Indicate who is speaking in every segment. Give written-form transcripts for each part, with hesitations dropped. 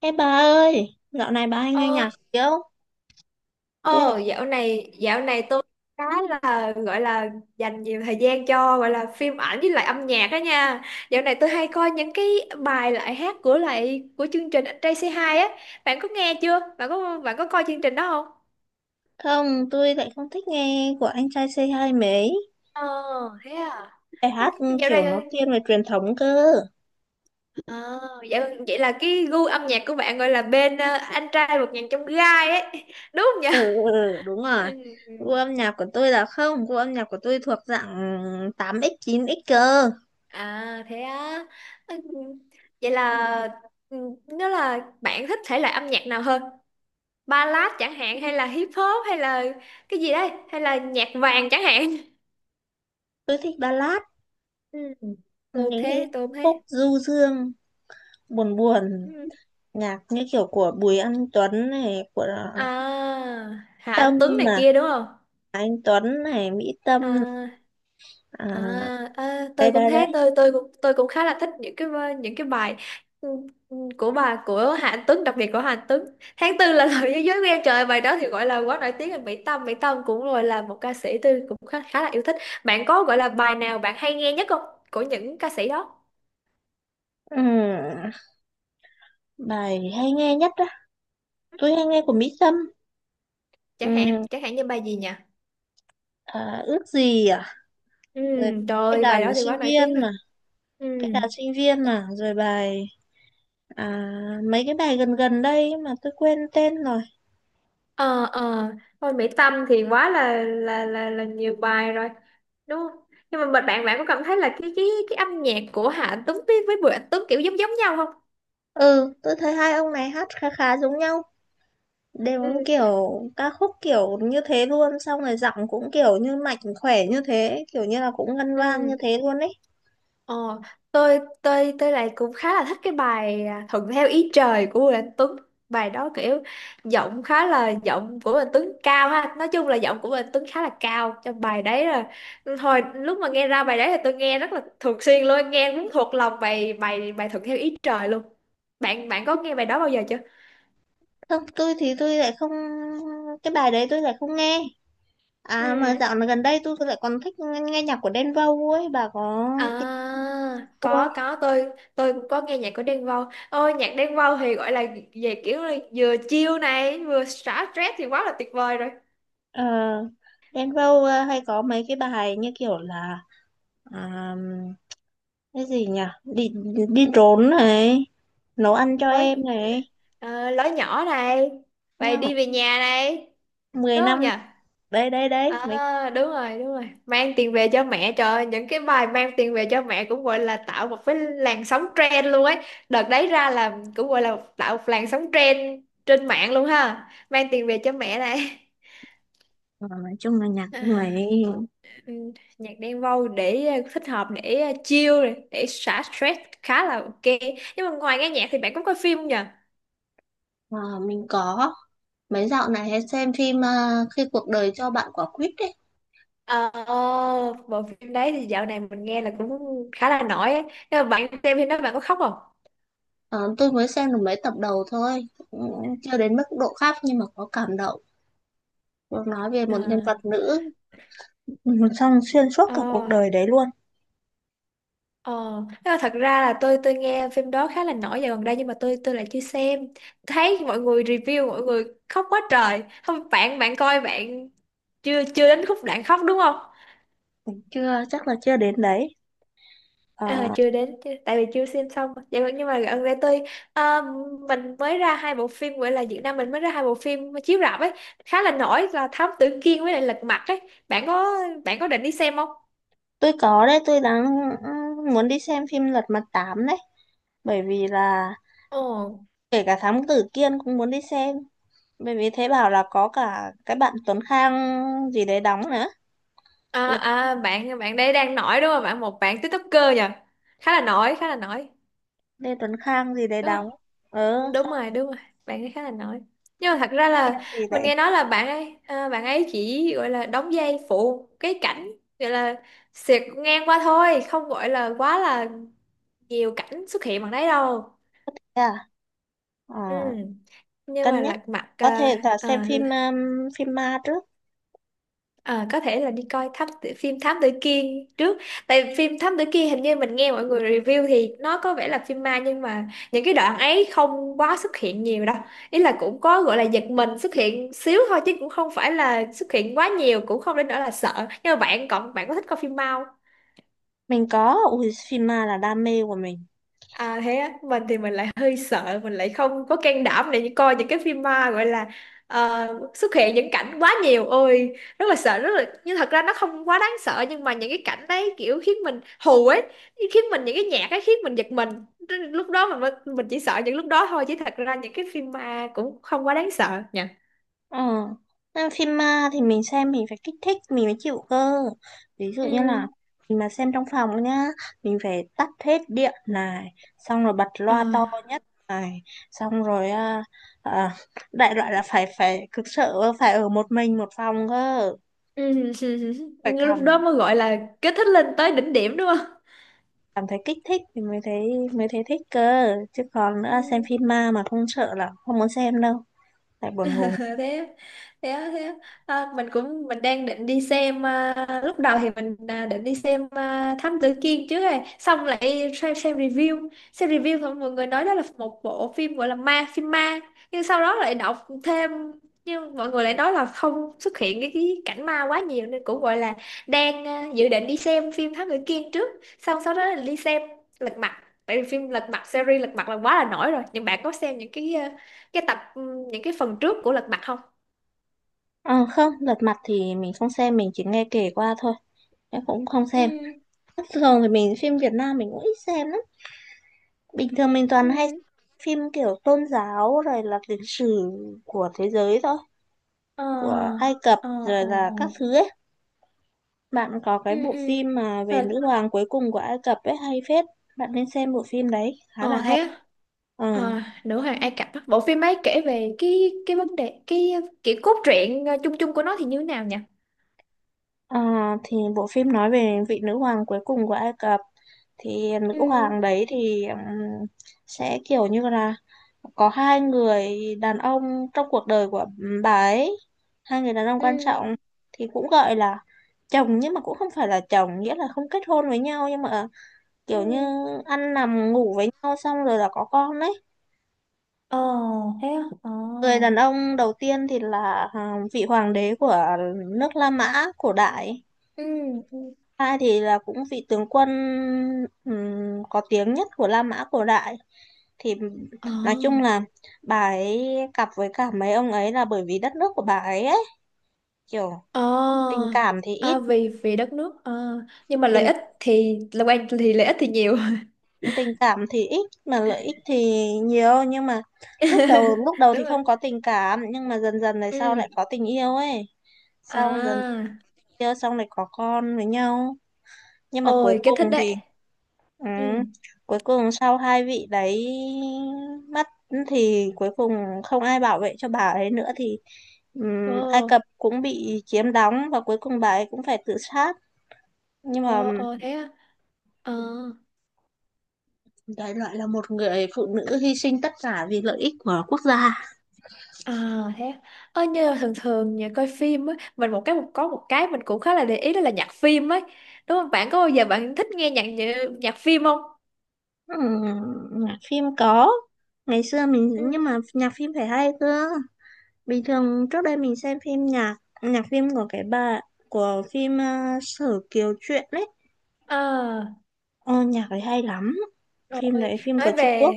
Speaker 1: Ê bà ơi, dạo này bà hay nghe
Speaker 2: Ơi.
Speaker 1: nhạc gì không? Tôi lại
Speaker 2: Ờ dạo này tôi cái là gọi là dành nhiều thời gian cho gọi là phim ảnh với lại âm nhạc đó nha. Dạo này tôi hay coi những cái bài hát của chương trình Anh Trai Say Hi á. Bạn có nghe chưa? Bạn có coi chương trình đó không?
Speaker 1: tôi lại không thích nghe của anh trai c hai mấy.
Speaker 2: ờ Thế à?
Speaker 1: Bài hát
Speaker 2: Dạo này
Speaker 1: kiểu nó thiên về truyền thống cơ.
Speaker 2: ờ Vậy là cái gu âm nhạc của bạn gọi là bên anh trai một ngàn trong gai ấy đúng không nhỉ?
Speaker 1: Ừ, ừ, ừ, đúng rồi.
Speaker 2: Ừ.
Speaker 1: Gu âm nhạc của tôi là không, gu âm nhạc của tôi thuộc dạng 8x, 9x cơ.
Speaker 2: À, thế á. Ừ, vậy là ừ, nó là bạn thích thể loại âm nhạc nào hơn? Ballad chẳng hạn, hay là hip hop, hay là cái gì đấy, hay là nhạc vàng chẳng hạn.
Speaker 1: Tôi thích ballad,
Speaker 2: Ừ. Tôi
Speaker 1: những cái
Speaker 2: thế, tôi thế.
Speaker 1: khúc du dương, buồn buồn,
Speaker 2: Ừ.
Speaker 1: nhạc như kiểu của Bùi Anh Tuấn này, của
Speaker 2: À, Hà
Speaker 1: Tâm
Speaker 2: Anh Tuấn này
Speaker 1: mà,
Speaker 2: kia đúng không?
Speaker 1: anh Tuấn này, Mỹ Tâm,
Speaker 2: À
Speaker 1: à,
Speaker 2: À,
Speaker 1: đây
Speaker 2: tôi cũng
Speaker 1: đây đây.
Speaker 2: thế, tôi cũng khá là thích những cái bài ừ, của Hạnh Tuấn, đặc biệt của Hạnh Tuấn. Tháng tư là lời thế giới của em, trời ơi, bài đó thì gọi là quá nổi tiếng rồi. Mỹ Tâm, cũng gọi là một ca sĩ tôi cũng khá là yêu thích. Bạn có gọi là bài nào bạn hay nghe nhất không, của những ca sĩ đó?
Speaker 1: Ừ. Bài hay nghe nhất á, tôi hay nghe của Mỹ Tâm.
Speaker 2: chẳng hạn
Speaker 1: Ừ,
Speaker 2: chẳng hạn như bài gì nhỉ?
Speaker 1: ước gì
Speaker 2: Ừ,
Speaker 1: rồi
Speaker 2: trời
Speaker 1: cái
Speaker 2: ơi,
Speaker 1: đàn
Speaker 2: bài đó thì
Speaker 1: sinh
Speaker 2: quá nổi tiếng
Speaker 1: viên
Speaker 2: rồi.
Speaker 1: mà,
Speaker 2: ừ
Speaker 1: cái đàn sinh viên mà, rồi bài à, mấy cái bài gần gần đây mà tôi quên tên rồi.
Speaker 2: ờ ờ Thôi Mỹ Tâm thì quá là nhiều bài rồi đúng không? Nhưng mà bạn bạn bạn có cảm thấy là cái âm nhạc của Hạ Tuấn với Bùi Anh Tuấn kiểu giống giống nhau không?
Speaker 1: Ừ, tôi thấy hai ông này hát khá khá giống nhau,
Speaker 2: Ừ.
Speaker 1: đều kiểu ca khúc kiểu như thế luôn, xong rồi giọng cũng kiểu như mạnh khỏe như thế, kiểu như là cũng ngân vang như
Speaker 2: ừ
Speaker 1: thế luôn ấy.
Speaker 2: Ờ, tôi lại cũng khá là thích cái bài thuận theo ý trời của Bùi Anh Tuấn. Bài đó kiểu giọng khá là, giọng của Bùi Anh Tuấn cao ha, nói chung là giọng của Bùi Anh Tuấn khá là cao trong bài đấy rồi. Hồi lúc mà nghe ra bài đấy thì tôi nghe rất là thường xuyên luôn, nghe muốn thuộc lòng bài bài bài thuận theo ý trời luôn. Bạn bạn có nghe bài đó bao giờ chưa?
Speaker 1: Không, tôi lại không, cái bài đấy tôi lại không nghe. À mà
Speaker 2: Ừ.
Speaker 1: dạo này gần đây tôi lại còn thích nghe, nghe nhạc của Đen Vâu ấy, bà có tìm
Speaker 2: À,
Speaker 1: Vâu không?
Speaker 2: có, tôi cũng có nghe nhạc của Đen Vâu. Ôi, nhạc Đen Vâu thì gọi là về kiểu là vừa chill này, vừa xả stress thì quá là tuyệt vời rồi.
Speaker 1: Ờ, Đen Vâu hay có mấy cái bài như kiểu là à, cái gì nhỉ? Đi đi trốn này, nấu ăn cho
Speaker 2: Lối
Speaker 1: em này,
Speaker 2: Lối nhỏ này, vậy
Speaker 1: nhá.
Speaker 2: đi về nhà này,
Speaker 1: Mười
Speaker 2: đúng
Speaker 1: năm
Speaker 2: không nhỉ?
Speaker 1: đấy đấy đấy, mấy.
Speaker 2: À, đúng rồi, đúng rồi. Mang tiền về cho mẹ, trời ơi, những cái bài mang tiền về cho mẹ cũng gọi là tạo một cái làn sóng trend luôn ấy. Đợt đấy ra là cũng gọi là tạo một làn sóng trend trên mạng luôn ha. Mang tiền về cho mẹ này.
Speaker 1: Ờ, nói chung là nhạc của người ấy.
Speaker 2: Ừ, nhạc Đen Vâu để thích hợp để chill này, để xả stress khá là ok. Nhưng mà ngoài nghe nhạc thì bạn có coi phim không nhờ?
Speaker 1: Ờ, mình có mấy dạo này hay xem phim khi cuộc đời cho bạn quả quýt đấy.
Speaker 2: ờ Bộ phim đấy thì dạo này mình nghe là cũng khá là nổi á. Nhưng mà bạn xem phim đó bạn có khóc không?
Speaker 1: Ờ, tôi mới xem được mấy tập đầu thôi, cũng chưa đến mức độ khác nhưng mà có cảm động. Được nói về
Speaker 2: ờ
Speaker 1: một nhân vật nữ xong xuyên suốt
Speaker 2: ờ
Speaker 1: cả cuộc đời đấy luôn.
Speaker 2: ờ nhưng mà thật ra là tôi nghe phim đó khá là nổi dạo gần đây, nhưng mà tôi lại chưa xem. Thấy mọi người review mọi người khóc quá trời không, bạn bạn coi bạn chưa chưa đến khúc đoạn khóc đúng không?
Speaker 1: Chưa chắc là chưa đến đấy.
Speaker 2: À,
Speaker 1: à,
Speaker 2: chưa đến chứ tại vì chưa xem xong mà. Nhưng mà gần đây à, mình mới ra hai bộ phim, gọi là Việt Nam mình mới ra hai bộ phim chiếu rạp ấy, khá là nổi là Thám Tử Kiên với lại Lật Mặt ấy, bạn có bạn có định đi xem không?
Speaker 1: tôi có đấy, tôi đang muốn đi xem phim Lật Mặt 8 đấy, bởi vì là
Speaker 2: Ồ,
Speaker 1: kể cả Thám Tử Kiên cũng muốn đi xem, bởi vì thế bảo là có cả cái bạn Tuấn Khang gì đấy đóng nữa. Lật
Speaker 2: bạn bạn đây đang nổi đúng không, bạn một bạn TikToker nhỉ? Khá là nổi,
Speaker 1: Lê Tuấn Khang gì đấy
Speaker 2: đúng
Speaker 1: đóng. Ờ,
Speaker 2: không? Đúng
Speaker 1: xong
Speaker 2: rồi, đúng rồi, bạn ấy khá là nổi. Nhưng mà thật ra
Speaker 1: Kiên
Speaker 2: là
Speaker 1: gì
Speaker 2: mình
Speaker 1: đấy.
Speaker 2: nghe nói là bạn ấy chỉ gọi là đóng vai phụ, cái cảnh gọi là xẹt ngang qua thôi, không gọi là quá là nhiều cảnh xuất hiện bằng đấy đâu.
Speaker 1: Thế à, Ờ,
Speaker 2: Ừ, nhưng mà
Speaker 1: cân nhắc
Speaker 2: lật mặt
Speaker 1: có thể là xem phim phim ma trước.
Speaker 2: à, có thể là đi coi phim Thám Tử Kiên trước. Tại phim Thám Tử Kiên hình như mình nghe mọi người review thì nó có vẻ là phim ma, nhưng mà những cái đoạn ấy không quá xuất hiện nhiều đâu. Ý là cũng có gọi là giật mình xuất hiện xíu thôi, chứ cũng không phải là xuất hiện quá nhiều, cũng không đến nỗi là sợ. Nhưng mà bạn có thích coi phim ma?
Speaker 1: Mình có, ui phim ma là đam mê của mình.
Speaker 2: À, thế á, mình thì mình lại hơi sợ, mình lại không có can đảm để coi những cái phim ma gọi là ờ, xuất hiện những cảnh quá nhiều, ôi, rất là sợ, rất là nhưng thật ra nó không quá đáng sợ, nhưng mà những cái cảnh đấy kiểu khiến mình hù ấy, khiến mình, những cái nhạc ấy khiến mình giật mình. Nên lúc đó mình chỉ sợ những lúc đó thôi, chứ thật ra những cái phim ma cũng không quá đáng sợ nha.
Speaker 1: Ờ, xem phim ma thì mình xem mình phải kích thích mình mới chịu cơ. Ví dụ
Speaker 2: Ừ.
Speaker 1: như là mình mà xem trong phòng nhá, mình phải tắt hết điện này, xong rồi bật
Speaker 2: Ờ.
Speaker 1: loa to nhất này, xong rồi à, đại loại là phải phải cực sợ phải ở một mình một phòng cơ,
Speaker 2: Ừ.
Speaker 1: phải cảm
Speaker 2: Lúc đó mới gọi là kích thích lên tới đỉnh điểm đúng
Speaker 1: cảm thấy kích thích thì mới thấy, mới thấy thích cơ. Chứ còn nữa xem
Speaker 2: không?
Speaker 1: phim ma mà không sợ là không muốn xem đâu, tại buồn ngủ.
Speaker 2: thế thế Thế à, mình đang định đi xem, lúc đầu thì định đi xem Thám Tử Kiên trước, rồi xong lại xem, xem review thì mọi người nói đó là một bộ phim gọi là ma, phim ma, nhưng sau đó lại đọc thêm, nhưng mọi người lại nói là không xuất hiện cái cảnh ma quá nhiều nên cũng gọi là đang dự định đi xem phim Thám Tử Kiên trước, xong sau đó là đi xem Lật Mặt. Tại vì phim Lật Mặt, series Lật Mặt là quá là nổi rồi, nhưng bạn có xem những cái tập những cái phần trước của Lật Mặt không?
Speaker 1: Ờ, không, lật mặt thì mình không xem, mình chỉ nghe kể qua thôi, em cũng không
Speaker 2: Ừ,
Speaker 1: xem. Thường thì mình phim Việt Nam mình cũng ít xem lắm, bình thường mình
Speaker 2: ừ,
Speaker 1: toàn hay phim kiểu tôn giáo rồi là lịch sử của thế giới thôi,
Speaker 2: ờ,
Speaker 1: của Ai Cập
Speaker 2: ờ,
Speaker 1: rồi
Speaker 2: ờ,
Speaker 1: là
Speaker 2: ờ,
Speaker 1: các thứ ấy. Bạn có
Speaker 2: ừ,
Speaker 1: cái bộ
Speaker 2: ừ,
Speaker 1: phim mà về
Speaker 2: rồi,
Speaker 1: nữ hoàng cuối cùng của Ai Cập ấy hay phết, bạn nên xem bộ phim đấy khá là
Speaker 2: ờ
Speaker 1: hay.
Speaker 2: thế á.
Speaker 1: Ừ.
Speaker 2: Ờ, nữ hoàng Ai Cập á. Bộ phim ấy kể về cái vấn đề, cái kiểu cốt truyện chung chung của nó thì như thế nào nhỉ?
Speaker 1: À, thì bộ phim nói về vị nữ hoàng cuối cùng của Ai Cập, thì nữ
Speaker 2: Ừ,
Speaker 1: hoàng đấy thì sẽ kiểu như là có hai người đàn ông trong cuộc đời của bà ấy, hai người đàn ông
Speaker 2: ừ,
Speaker 1: quan trọng, thì cũng gọi là chồng nhưng mà cũng không phải là chồng, nghĩa là không kết hôn với nhau nhưng mà
Speaker 2: ừ,
Speaker 1: kiểu như ăn nằm ngủ với nhau xong rồi là có con đấy.
Speaker 2: ờ, thế á, ờ,
Speaker 1: Người đàn ông đầu tiên thì là vị hoàng đế của nước La Mã cổ đại.
Speaker 2: ừ, ừ.
Speaker 1: Ai thì là cũng vị tướng quân, có tiếng nhất của La Mã cổ đại. Thì
Speaker 2: Ờ,
Speaker 1: nói chung là bà ấy cặp với cả mấy ông ấy là bởi vì đất nước của bà ấy ấy, kiểu
Speaker 2: ờ,
Speaker 1: tình cảm thì ít,
Speaker 2: à, vì vì đất nước ờ, nhưng mà lợi
Speaker 1: tình
Speaker 2: ích thì là quan thì lợi ích thì nhiều.
Speaker 1: tình cảm thì ít mà lợi ích thì nhiều, nhưng mà lúc Ừ. đầu lúc đầu
Speaker 2: Đúng
Speaker 1: thì
Speaker 2: rồi,
Speaker 1: không có tình cảm nhưng mà dần dần này
Speaker 2: ừ,
Speaker 1: sau lại có tình yêu ấy, sau dần
Speaker 2: à.
Speaker 1: yêu xong lại có con với nhau, nhưng mà cuối
Speaker 2: Ôi, cái
Speaker 1: cùng
Speaker 2: thích
Speaker 1: thì
Speaker 2: đấy.
Speaker 1: Ừ.
Speaker 2: Ừ.
Speaker 1: Cuối cùng sau hai vị đấy mất thì cuối cùng không ai bảo vệ cho bà ấy nữa thì
Speaker 2: Ồ,
Speaker 1: Ai Cập cũng bị chiếm đóng và cuối cùng bà ấy cũng phải tự sát. Nhưng mà
Speaker 2: ồ, ồ, thế à? Ờ,
Speaker 1: đấy lại là một người phụ nữ hy sinh tất cả vì lợi ích của quốc gia.
Speaker 2: à, thế à. Ờ, như là thường thường nhà coi phim á, mình một cái một có một cái mình cũng khá là để ý đó là nhạc phim ấy. Đúng không? Bạn có bao giờ bạn thích nghe nhạc nhạc phim không?
Speaker 1: Ừm, nhạc phim có. Ngày xưa mình
Speaker 2: Ừ.
Speaker 1: nhưng mà nhạc phim phải hay cơ. Bình thường trước đây mình xem phim nhạc, nhạc phim của cái bà của phim Sở Kiều Truyện ấy.
Speaker 2: À,
Speaker 1: Ờ, nhạc ấy hay lắm,
Speaker 2: rồi,
Speaker 1: phim đấy phim
Speaker 2: nói
Speaker 1: của Trung
Speaker 2: về
Speaker 1: Quốc.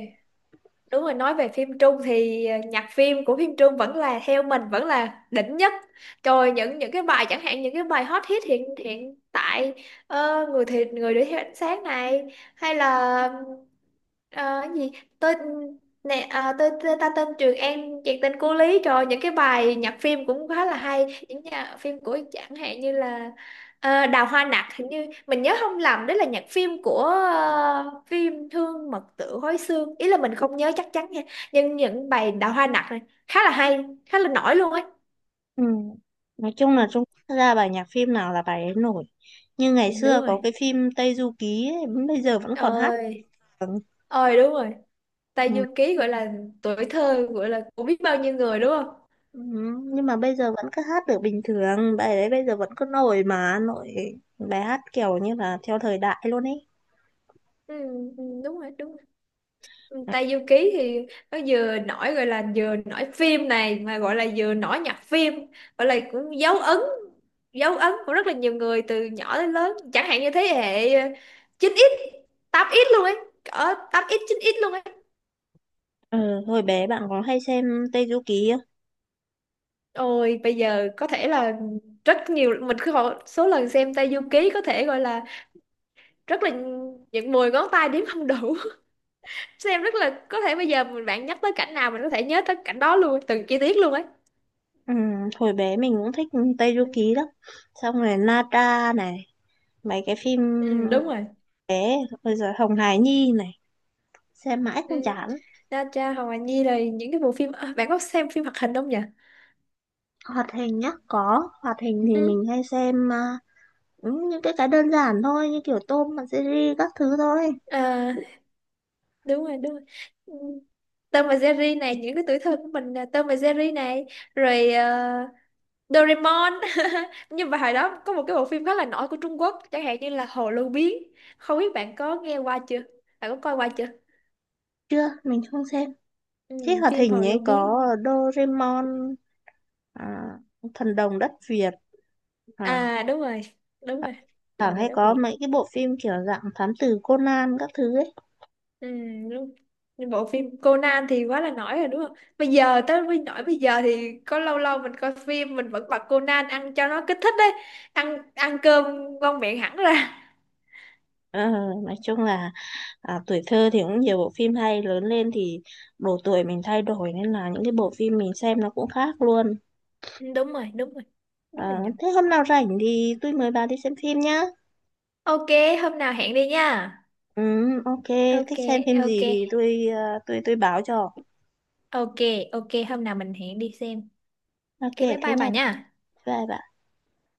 Speaker 2: đúng rồi, nói về phim Trung thì nhạc phim của phim Trung vẫn là, theo mình, vẫn là đỉnh nhất. Rồi những cái bài, chẳng hạn những cái bài hot hit hiện hiện tại, người thì người đuổi theo ánh sáng này, hay là ờ, cái gì, tôi nè, tôi ta tên Trường An, chuyện tình cô Lý, rồi những cái bài nhạc phim cũng khá là hay, những nhạc phim của, chẳng hạn như là Ờ, Đào Hoa Nặc, hình như mình nhớ không lầm đó là nhạc phim của phim Thương Mật Tử Hối Xương, ý là mình không nhớ chắc chắn nha, nhưng những bài Đào Hoa Nặc này khá là hay, khá là nổi luôn ấy.
Speaker 1: Ừ, nói chung là
Speaker 2: Ừ,
Speaker 1: Trung Quốc ra bài nhạc phim nào là bài ấy nổi, như ngày
Speaker 2: đúng
Speaker 1: xưa có
Speaker 2: rồi,
Speaker 1: cái phim Tây Du Ký ấy, bây giờ vẫn còn hát
Speaker 2: ơi,
Speaker 1: được.
Speaker 2: ơi, đúng rồi. Tây
Speaker 1: Ừ.
Speaker 2: Du Ký gọi là tuổi thơ gọi là của biết bao nhiêu người đúng không?
Speaker 1: Ừ. Nhưng mà bây giờ vẫn cứ hát được bình thường, bài đấy bây giờ vẫn cứ nổi mà nổi, bài hát kiểu như là theo thời đại luôn ấy.
Speaker 2: Ừ, ừ, đúng rồi, đúng rồi. Tây Du Ký thì nó vừa nổi, gọi là vừa nổi phim này mà, gọi là vừa nổi nhạc phim, gọi là cũng dấu ấn, dấu ấn của rất là nhiều người từ nhỏ đến lớn, chẳng hạn như thế hệ 9x, 8x luôn ấy, ở 8x 9x luôn ấy.
Speaker 1: Ừ. Hồi bé bạn có hay xem Tây Du Ký
Speaker 2: Ôi bây giờ có thể là rất nhiều, mình cứ hỏi số lần xem Tây Du Ký có thể gọi là rất là, những 10 ngón tay đếm không đủ. Xem rất là, có thể bây giờ bạn nhắc tới cảnh nào mình có thể nhớ tới cảnh đó luôn, từng chi tiết luôn ấy.
Speaker 1: không? Ừ, hồi bé mình cũng thích Tây Du Ký lắm, xong rồi Na Tra này, mấy cái phim.
Speaker 2: Ừ, đúng rồi.
Speaker 1: Thế, bây giờ Hồng Hải Nhi này, xem mãi
Speaker 2: Ừ.
Speaker 1: không chán.
Speaker 2: Ra cha Hồng Hà Nhi là những cái bộ phim, bạn có xem phim hoạt hình không nhỉ?
Speaker 1: Hoạt hình nhá, có. Hoạt hình thì
Speaker 2: Ừ.
Speaker 1: mình hay xem những cái đơn giản thôi, như kiểu tôm, mặt series các thứ thôi.
Speaker 2: À, đúng rồi, đúng rồi. Ừ. Tom và Jerry này, những cái tuổi thơ của mình là Tom và Jerry này, rồi Doraemon. Nhưng mà hồi đó có một cái bộ phim khá là nổi của Trung Quốc, chẳng hạn như là Hồ Lô Biến, không biết bạn có nghe qua chưa, bạn có coi qua chưa?
Speaker 1: Chưa, mình không xem.
Speaker 2: Ừ,
Speaker 1: Thế hoạt
Speaker 2: phim Hồ
Speaker 1: hình
Speaker 2: Lô
Speaker 1: ấy
Speaker 2: Biến.
Speaker 1: có Doraemon, à, Thần Đồng Đất Việt, à,
Speaker 2: À, đúng rồi, đúng rồi, thằng
Speaker 1: thẳng
Speaker 2: này
Speaker 1: hay
Speaker 2: đất
Speaker 1: có
Speaker 2: Việt.
Speaker 1: mấy cái bộ phim kiểu dạng thám tử Conan các thứ ấy.
Speaker 2: Ừ, đúng. Nhưng bộ phim Conan thì quá là nổi rồi đúng không? Bây giờ tới với nổi bây giờ thì có lâu lâu mình coi phim mình vẫn bật Conan ăn cho nó kích thích đấy. Ăn ăn cơm ngon miệng hẳn ra.
Speaker 1: Ờ, nói chung là tuổi thơ thì cũng nhiều bộ phim hay, lớn lên thì độ tuổi mình thay đổi nên là những cái bộ phim mình xem nó cũng khác luôn.
Speaker 2: Ừ, đúng rồi, đúng rồi. Đúng rồi
Speaker 1: À,
Speaker 2: nhỉ.
Speaker 1: thế hôm nào rảnh thì tôi mời bà đi xem phim nhá.
Speaker 2: Ok, hôm nào hẹn đi nha.
Speaker 1: Ừ, ok,
Speaker 2: Ok,
Speaker 1: thích xem phim
Speaker 2: ok.
Speaker 1: gì thì tôi tôi báo cho.
Speaker 2: Ok, ok, hôm nào mình hẹn đi xem.
Speaker 1: Ok,
Speaker 2: Ok, bye
Speaker 1: thế
Speaker 2: bye
Speaker 1: nha.
Speaker 2: bà nha.
Speaker 1: Bye bye.